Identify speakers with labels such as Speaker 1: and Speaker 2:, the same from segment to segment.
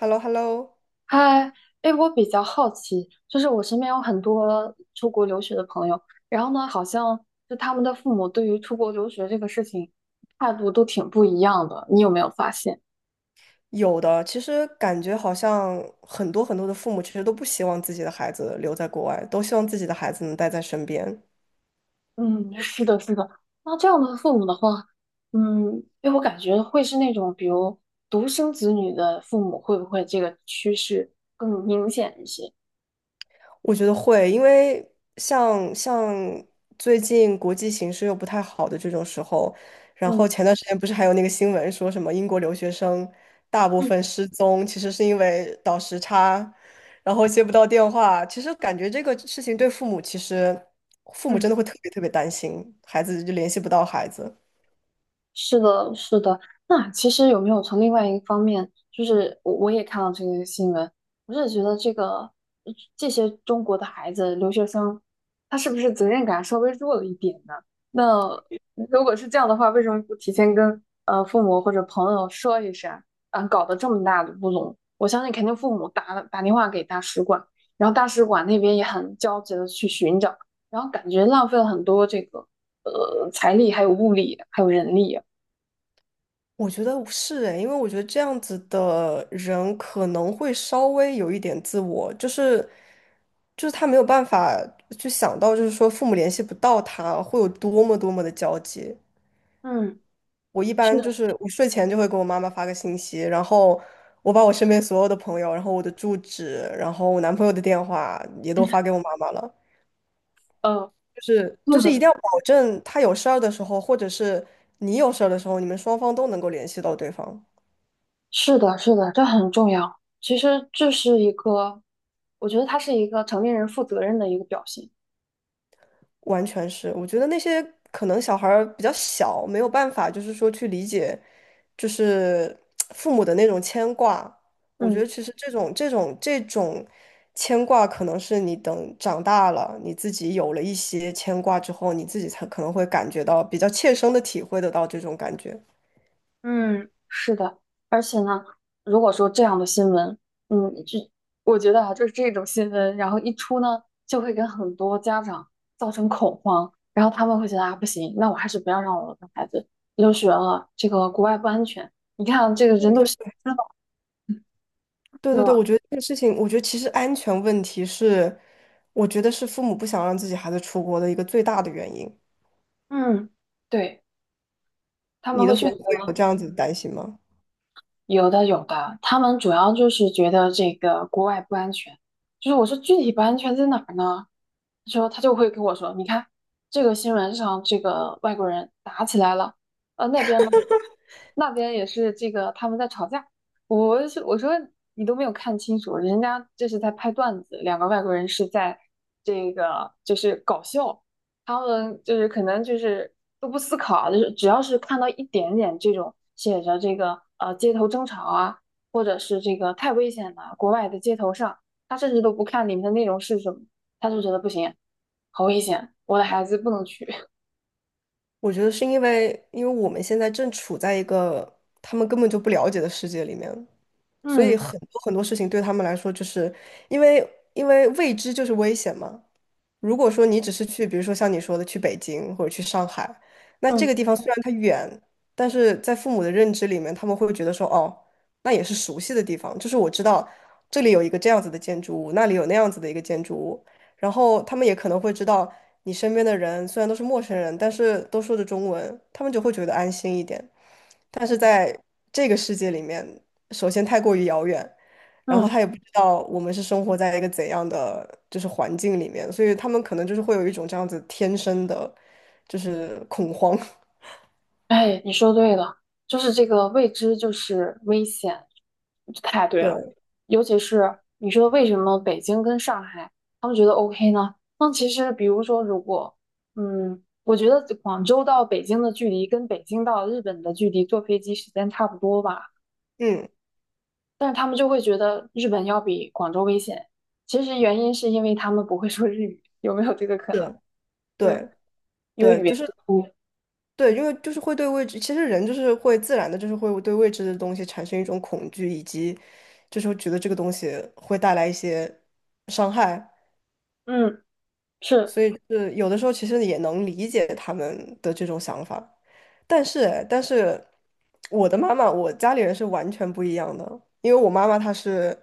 Speaker 1: h e l l o h e l l o
Speaker 2: 嗨，哎，我比较好奇，就是我身边有很多出国留学的朋友，然后呢，好像就他们的父母对于出国留学这个事情态度都挺不一样的，你有没有发现？
Speaker 1: 有的，其实感觉好像很多很多的父母其实都不希望自己的孩子留在国外，都希望自己的孩子能待在身边。
Speaker 2: 嗯，是的，是的。那这样的父母的话，嗯，哎，我感觉会是那种比如独生子女的父母，会不会这个趋势更明显一些？
Speaker 1: 我觉得会，因为像最近国际形势又不太好的这种时候，然后
Speaker 2: 嗯
Speaker 1: 前段时间不是还有那个新闻说什么英国留学生大部分
Speaker 2: 嗯
Speaker 1: 失踪，其实是因为倒时差，然后接不到电话。其实感觉这个事情对父母其实。父母
Speaker 2: 嗯。
Speaker 1: 真的会特别特别担心，孩子就联系不到孩子。
Speaker 2: 是的，是的。那其实有没有从另外一个方面，就是我也看到这个新闻，我是觉得这个这些中国的孩子留学生，他是不是责任感稍微弱了一点呢？那如果是这样的话，为什么不提前跟父母或者朋友说一声？啊，搞得这么大的乌龙，我相信肯定父母打了电话给大使馆，然后大使馆那边也很焦急的去寻找，然后感觉浪费了很多这个财力，还有物力，还有人力。
Speaker 1: 我觉得是诶，因为我觉得这样子的人可能会稍微有一点自我，就是他没有办法去想到，就是说父母联系不到他会有多么多么的焦急。
Speaker 2: 嗯，
Speaker 1: 我一
Speaker 2: 是，
Speaker 1: 般就是我睡前就会给我妈妈发个信息，然后我把我身边所有的朋友，然后我的住址，然后我男朋友的电话也都发给我妈妈了，
Speaker 2: 呃，
Speaker 1: 就是
Speaker 2: 对
Speaker 1: 一定
Speaker 2: 的，
Speaker 1: 要保证他有事儿的时候，或者是你有事儿的时候，你们双方都能够联系到对方。
Speaker 2: 是的，是的，这很重要。其实这是一个，我觉得他是一个成年人负责任的一个表现。
Speaker 1: 完全是，我觉得那些可能小孩儿比较小，没有办法，就是说去理解，就是父母的那种牵挂。我觉
Speaker 2: 嗯
Speaker 1: 得其实这种牵挂，可能是你等长大了，你自己有了一些牵挂之后，你自己才可能会感觉到比较切身的体会得到这种感觉。
Speaker 2: 嗯，是的。而且呢，如果说这样的新闻，嗯，这我觉得啊，就是这种新闻，然后一出呢，就会跟很多家长造成恐慌，然后他们会觉得啊，不行，那我还是不要让我的孩子留学了，这个国外不安全。你看啊，这个人都
Speaker 1: 对
Speaker 2: 消了，
Speaker 1: 对
Speaker 2: 对
Speaker 1: 对对，
Speaker 2: 吧？
Speaker 1: 我觉得这个事情，我觉得其实安全问题是，我觉得是父母不想让自己孩子出国的一个最大的原因。
Speaker 2: 嗯，对。他
Speaker 1: 你
Speaker 2: 们
Speaker 1: 的
Speaker 2: 会
Speaker 1: 父
Speaker 2: 觉
Speaker 1: 母会有
Speaker 2: 得
Speaker 1: 这样子的担心吗？
Speaker 2: 有的有的，他们主要就是觉得这个国外不安全，就是我说具体不安全在哪儿呢？他说他就会跟我说，你看这个新闻上这个外国人打起来了，那边呢那边也是这个他们在吵架，我说你都没有看清楚，人家这是在拍段子，两个外国人是在这个就是搞笑，他们就是可能就是都不思考啊，就是只要是看到一点点这种写着这个街头争吵啊，或者是这个太危险了，国外的街头上，他甚至都不看里面的内容是什么。他就觉得不行，好危险，我的孩子不能去。
Speaker 1: 我觉得是因为，因为我们现在正处在一个他们根本就不了解的世界里面，所以
Speaker 2: 嗯
Speaker 1: 很多很多事情对他们来说，就是因为因为未知就是危险嘛。如果说你只是去，比如说像你说的去北京或者去上海，那这
Speaker 2: 嗯
Speaker 1: 个地方虽然它远，但是在父母的认知里面，他们会觉得说，哦，那也是熟悉的地方，就是我知道这里有一个这样子的建筑物，那里有那样子的一个建筑物，然后他们也可能会知道你身边的人虽然都是陌生人，但是都说着中文，他们就会觉得安心一点。但是在这个世界里面，首先太过于遥远，然后
Speaker 2: 嗯，
Speaker 1: 他也不知道我们是生活在一个怎样的就是环境里面，所以他们可能就是会有一种这样子天生的，就是恐慌。
Speaker 2: 哎，你说对了，就是这个未知就是危险，太对了。
Speaker 1: 对，
Speaker 2: 尤其是你说为什么北京跟上海他们觉得 OK 呢？那其实比如说，如果嗯，我觉得广州到北京的距离跟北京到日本的距离坐飞机时间差不多吧，
Speaker 1: 嗯，
Speaker 2: 但是他们就会觉得日本要比广州危险。其实原因是因为他们不会说日语，有没有这个可能？
Speaker 1: 对，
Speaker 2: 对。
Speaker 1: 对，
Speaker 2: 因为
Speaker 1: 对，
Speaker 2: 语
Speaker 1: 就
Speaker 2: 言
Speaker 1: 是
Speaker 2: 不通。
Speaker 1: 对，因为就是会对未知，其实人就是会自然的，就是会对未知的东西产生一种恐惧，以及就是会觉得这个东西会带来一些伤害。
Speaker 2: 嗯，是，
Speaker 1: 所以就是有的时候其实也能理解他们的这种想法，但是我的妈妈，我家里人是完全不一样的，因为我妈妈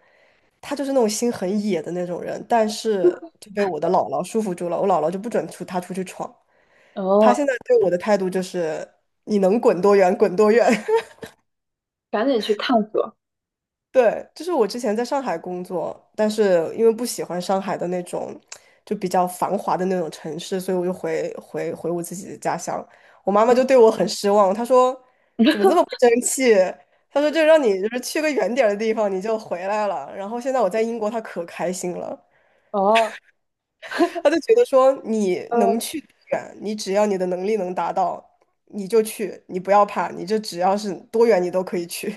Speaker 1: 她就是那种心很野的那种人，但是就被我的姥姥束缚住了，我姥姥就不准出她出去闯，她
Speaker 2: 哦，
Speaker 1: 现在对我的态度就是你能滚多远滚多远。
Speaker 2: 赶紧去探索。
Speaker 1: 对，就是我之前在上海工作，但是因为不喜欢上海的那种就比较繁华的那种城市，所以我就回我自己的家乡。我妈妈就对我很失望，她说这么不争气，她说就让你就是去个远点儿的地方你就回来了。然后现在我在英国，她可开心了，
Speaker 2: 哦，
Speaker 1: 她就觉得说你能
Speaker 2: 嗯，
Speaker 1: 去多远，你只要你的能力能达到，你就去，你不要怕，你就只要是多远你都可以去。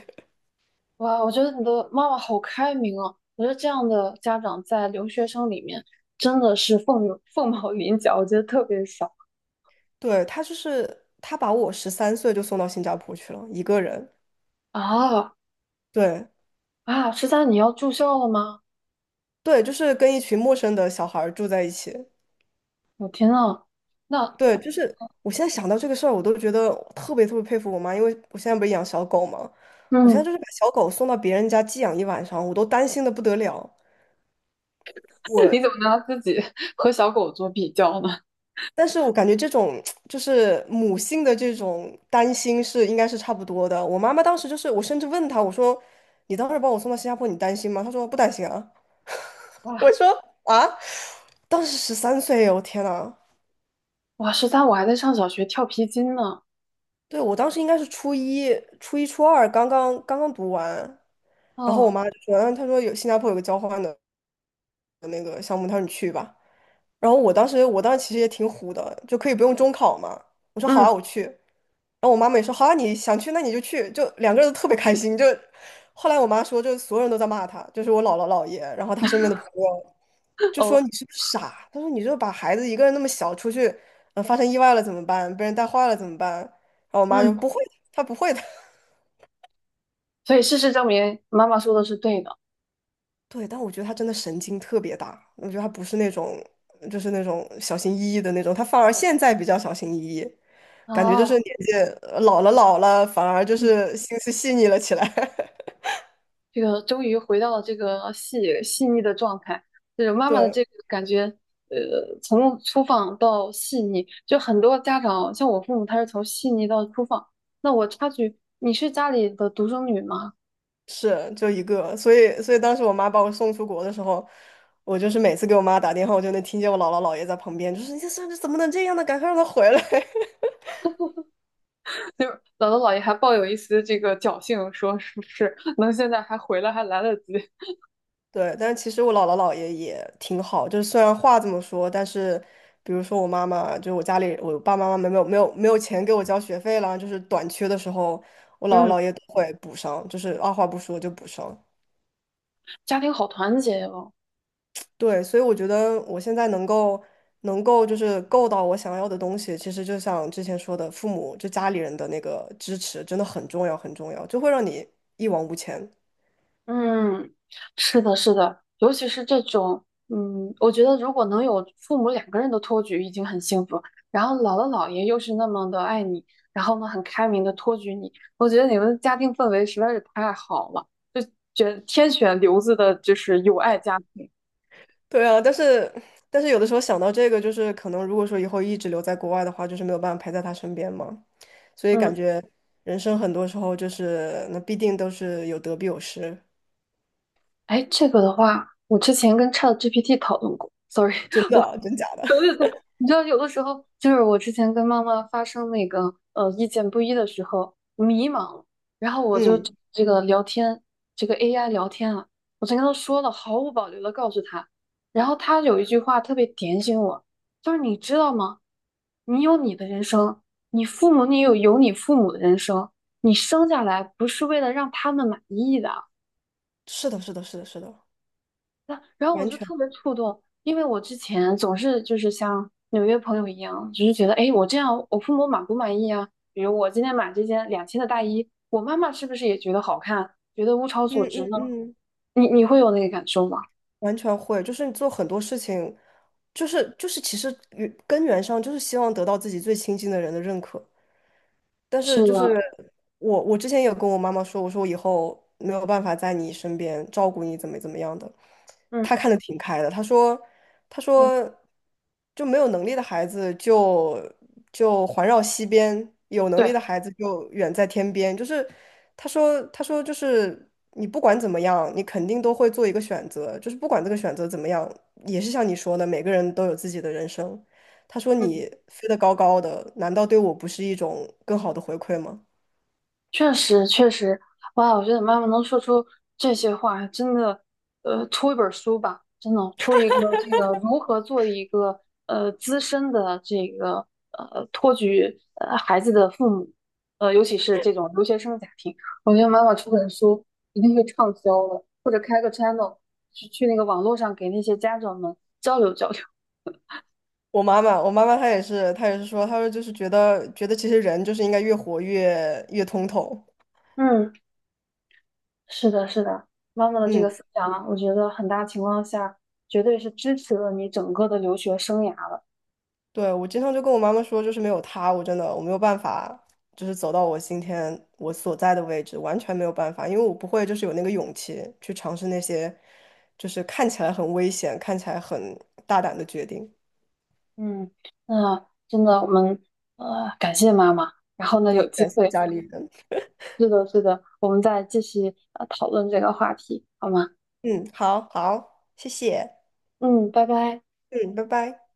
Speaker 2: 哇，我觉得你的妈妈好开明啊！我觉得这样的家长在留学生里面真的是凤毛麟角，我觉得特别少
Speaker 1: 对，他就是他把我十三岁就送到新加坡去了，一个人。
Speaker 2: 啊。
Speaker 1: 对
Speaker 2: 啊！十三，你要住校了吗？
Speaker 1: 对，就是跟一群陌生的小孩儿住在一起。
Speaker 2: 我天呐，那
Speaker 1: 对，就是我现在想到这个事儿，我都觉得我特别特别佩服我妈，因为我现在不是养小狗嘛，我现在
Speaker 2: 嗯，
Speaker 1: 就是把小狗送到别人家寄养一晚上，我都担心的不得了。我，
Speaker 2: 你怎么拿自己 和小狗做比较呢？
Speaker 1: 但是我感觉这种就是母性的这种担心是应该是差不多的。我妈妈当时就是，我甚至问她，我说：“你当时把我送到新加坡，你担心吗？”她说：“不担心啊。”我
Speaker 2: 哇
Speaker 1: 说啊，当时十三岁，我天呐。
Speaker 2: 哇，十三，我还在上小学跳皮筋呢。
Speaker 1: 对，我当时应该是初一、初一、初二，刚刚读完，然后我
Speaker 2: 哦，
Speaker 1: 妈就说，嗯，她说有新加坡有个交换的那个项目，她说你去吧。然后我当时，我当时其实也挺虎的，就可以不用中考嘛。我说好啊，
Speaker 2: 嗯，
Speaker 1: 我去。然后我妈妈也说好啊，你想去那你就去，就两个人都特别开心。就后来我妈说，就所有人都在骂她，就是我姥姥姥爷，然后她身边的朋友。就说
Speaker 2: 哦，
Speaker 1: 你是不是傻？他说你就把孩子一个人那么小出去，嗯、发生意外了怎么办？被人带坏了怎么办？然后我妈就
Speaker 2: 嗯，
Speaker 1: 不会的，她不会的。
Speaker 2: 所以事实证明，妈妈说的是对的。
Speaker 1: 对，但我觉得她真的神经特别大，我觉得她不是那种就是那种小心翼翼的那种，她反而现在比较小心翼翼，感觉就是
Speaker 2: 啊，
Speaker 1: 年纪老了老了，反而就
Speaker 2: 嗯
Speaker 1: 是心思细腻了起来。
Speaker 2: 这个终于回到了这个细腻的状态，就是妈妈的
Speaker 1: 对，
Speaker 2: 这个感觉，呃，从粗放到细腻，就很多家长像我父母，他是从细腻到粗放。那我插句，你是家里的独生女吗？
Speaker 1: 是就一个，所以所以当时我妈把我送出国的时候，我就是每次给我妈打电话，我就能听见我姥姥姥爷在旁边，就是你这孙子怎么能这样呢？赶快让他回来。
Speaker 2: 就是姥姥姥爷还抱有一丝这个侥幸，说是不是能现在还回来还来得及？
Speaker 1: 对，但是其实我姥姥姥爷也挺好，就是虽然话这么说，但是比如说我妈妈，就是我家里我爸爸妈妈没有钱给我交学费了，就是短缺的时候，我 姥姥
Speaker 2: 嗯，
Speaker 1: 姥爷都会补上，就是二话不说就补上。
Speaker 2: 家庭好团结呀，
Speaker 1: 对，所以我觉得我现在能够就是够到我想要的东西，其实就像之前说的，父母就家里人的那个支持真的很重要，很重要，就会让你一往无前。
Speaker 2: 嗯，是的，是的，尤其是这种，嗯，我觉得如果能有父母两个人的托举已经很幸福，然后姥姥姥爷又是那么的爱你，然后呢很开明的托举你，我觉得你们的家庭氛围实在是太好了，就觉得天选留子的就是有爱家庭。
Speaker 1: 对啊，但是有的时候想到这个，就是可能如果说以后一直留在国外的话，就是没有办法陪在他身边嘛，所以感
Speaker 2: 嗯，
Speaker 1: 觉人生很多时候就是那必定都是有得必有失。
Speaker 2: 哎，这个的话，我之前跟 ChatGPT 讨论过，sorry。
Speaker 1: 真的，真假的。
Speaker 2: 对对对，你知道有的时候就是我之前跟妈妈发生那个意见不一的时候迷茫，然后 我就
Speaker 1: 嗯，
Speaker 2: 这个聊天，这个 AI 聊天啊，我就跟她说了，毫无保留的告诉她，然后她有一句话特别点醒我，就是你知道吗？你有你的人生，你父母你有你父母的人生，你生下来不是为了让他们满意的，
Speaker 1: 是的，是的，是的，是的，
Speaker 2: 那然后我
Speaker 1: 完
Speaker 2: 就
Speaker 1: 全。
Speaker 2: 特别触动，因为我之前总是就是像纽约朋友一样，只是觉得，哎，我这样我父母满不满意啊？比如我今天买这件2000的大衣，我妈妈是不是也觉得好看，觉得物超
Speaker 1: 嗯
Speaker 2: 所值
Speaker 1: 嗯
Speaker 2: 呢？
Speaker 1: 嗯。
Speaker 2: 你会有那个感受吗？
Speaker 1: 完全会，就是你做很多事情，就是其实根源上就是希望得到自己最亲近的人的认可。但是
Speaker 2: 是
Speaker 1: 就是
Speaker 2: 的，
Speaker 1: 我之前有跟我妈妈说，我说我以后没有办法在你身边照顾你，怎么样的。
Speaker 2: 嗯
Speaker 1: 她看的挺开的，她说，她
Speaker 2: 嗯，
Speaker 1: 说就没有能力的孩子就环绕西边，有能
Speaker 2: 对，
Speaker 1: 力的孩子就远在天边。就是她说，她说就是你不管怎么样，你肯定都会做一个选择，就是不管这个选择怎么样，也是像你说的，每个人都有自己的人生。他说你
Speaker 2: 嗯。
Speaker 1: 飞得高高的，难道对我不是一种更好的回馈吗？
Speaker 2: 确实，确实，哇！我觉得妈妈能说出这些话，真的，呃，出一本书吧，真的出一个这个如何做一个资深的这个托举孩子的父母，呃，尤其是这种留学生家庭，我觉得妈妈出本书一定会畅销的，或者开个 channel 去那个网络上给那些家长们交流交流。
Speaker 1: 我妈妈，我妈妈她也是，她也是说，她说就是觉得其实人就是应该越活越通透。
Speaker 2: 嗯。是的，是的，妈妈的这
Speaker 1: 嗯，
Speaker 2: 个思想啊，我觉得很大情况下绝对是支持了你整个的留学生涯了。
Speaker 1: 对，我经常就跟我妈妈说，就是没有她，我真的我没有办法，就是走到我今天我所在的位置，完全没有办法，因为我不会就是有那个勇气去尝试那些就是看起来很危险、看起来很大胆的决定。
Speaker 2: 嗯，那真的我们感谢妈妈，然后呢
Speaker 1: 对，
Speaker 2: 有机
Speaker 1: 感谢
Speaker 2: 会，
Speaker 1: 家里人。
Speaker 2: 是的，是的，我们再继续讨论这个话题，好吗？
Speaker 1: 嗯，好好，谢谢。
Speaker 2: 嗯，拜拜。
Speaker 1: 嗯，拜拜。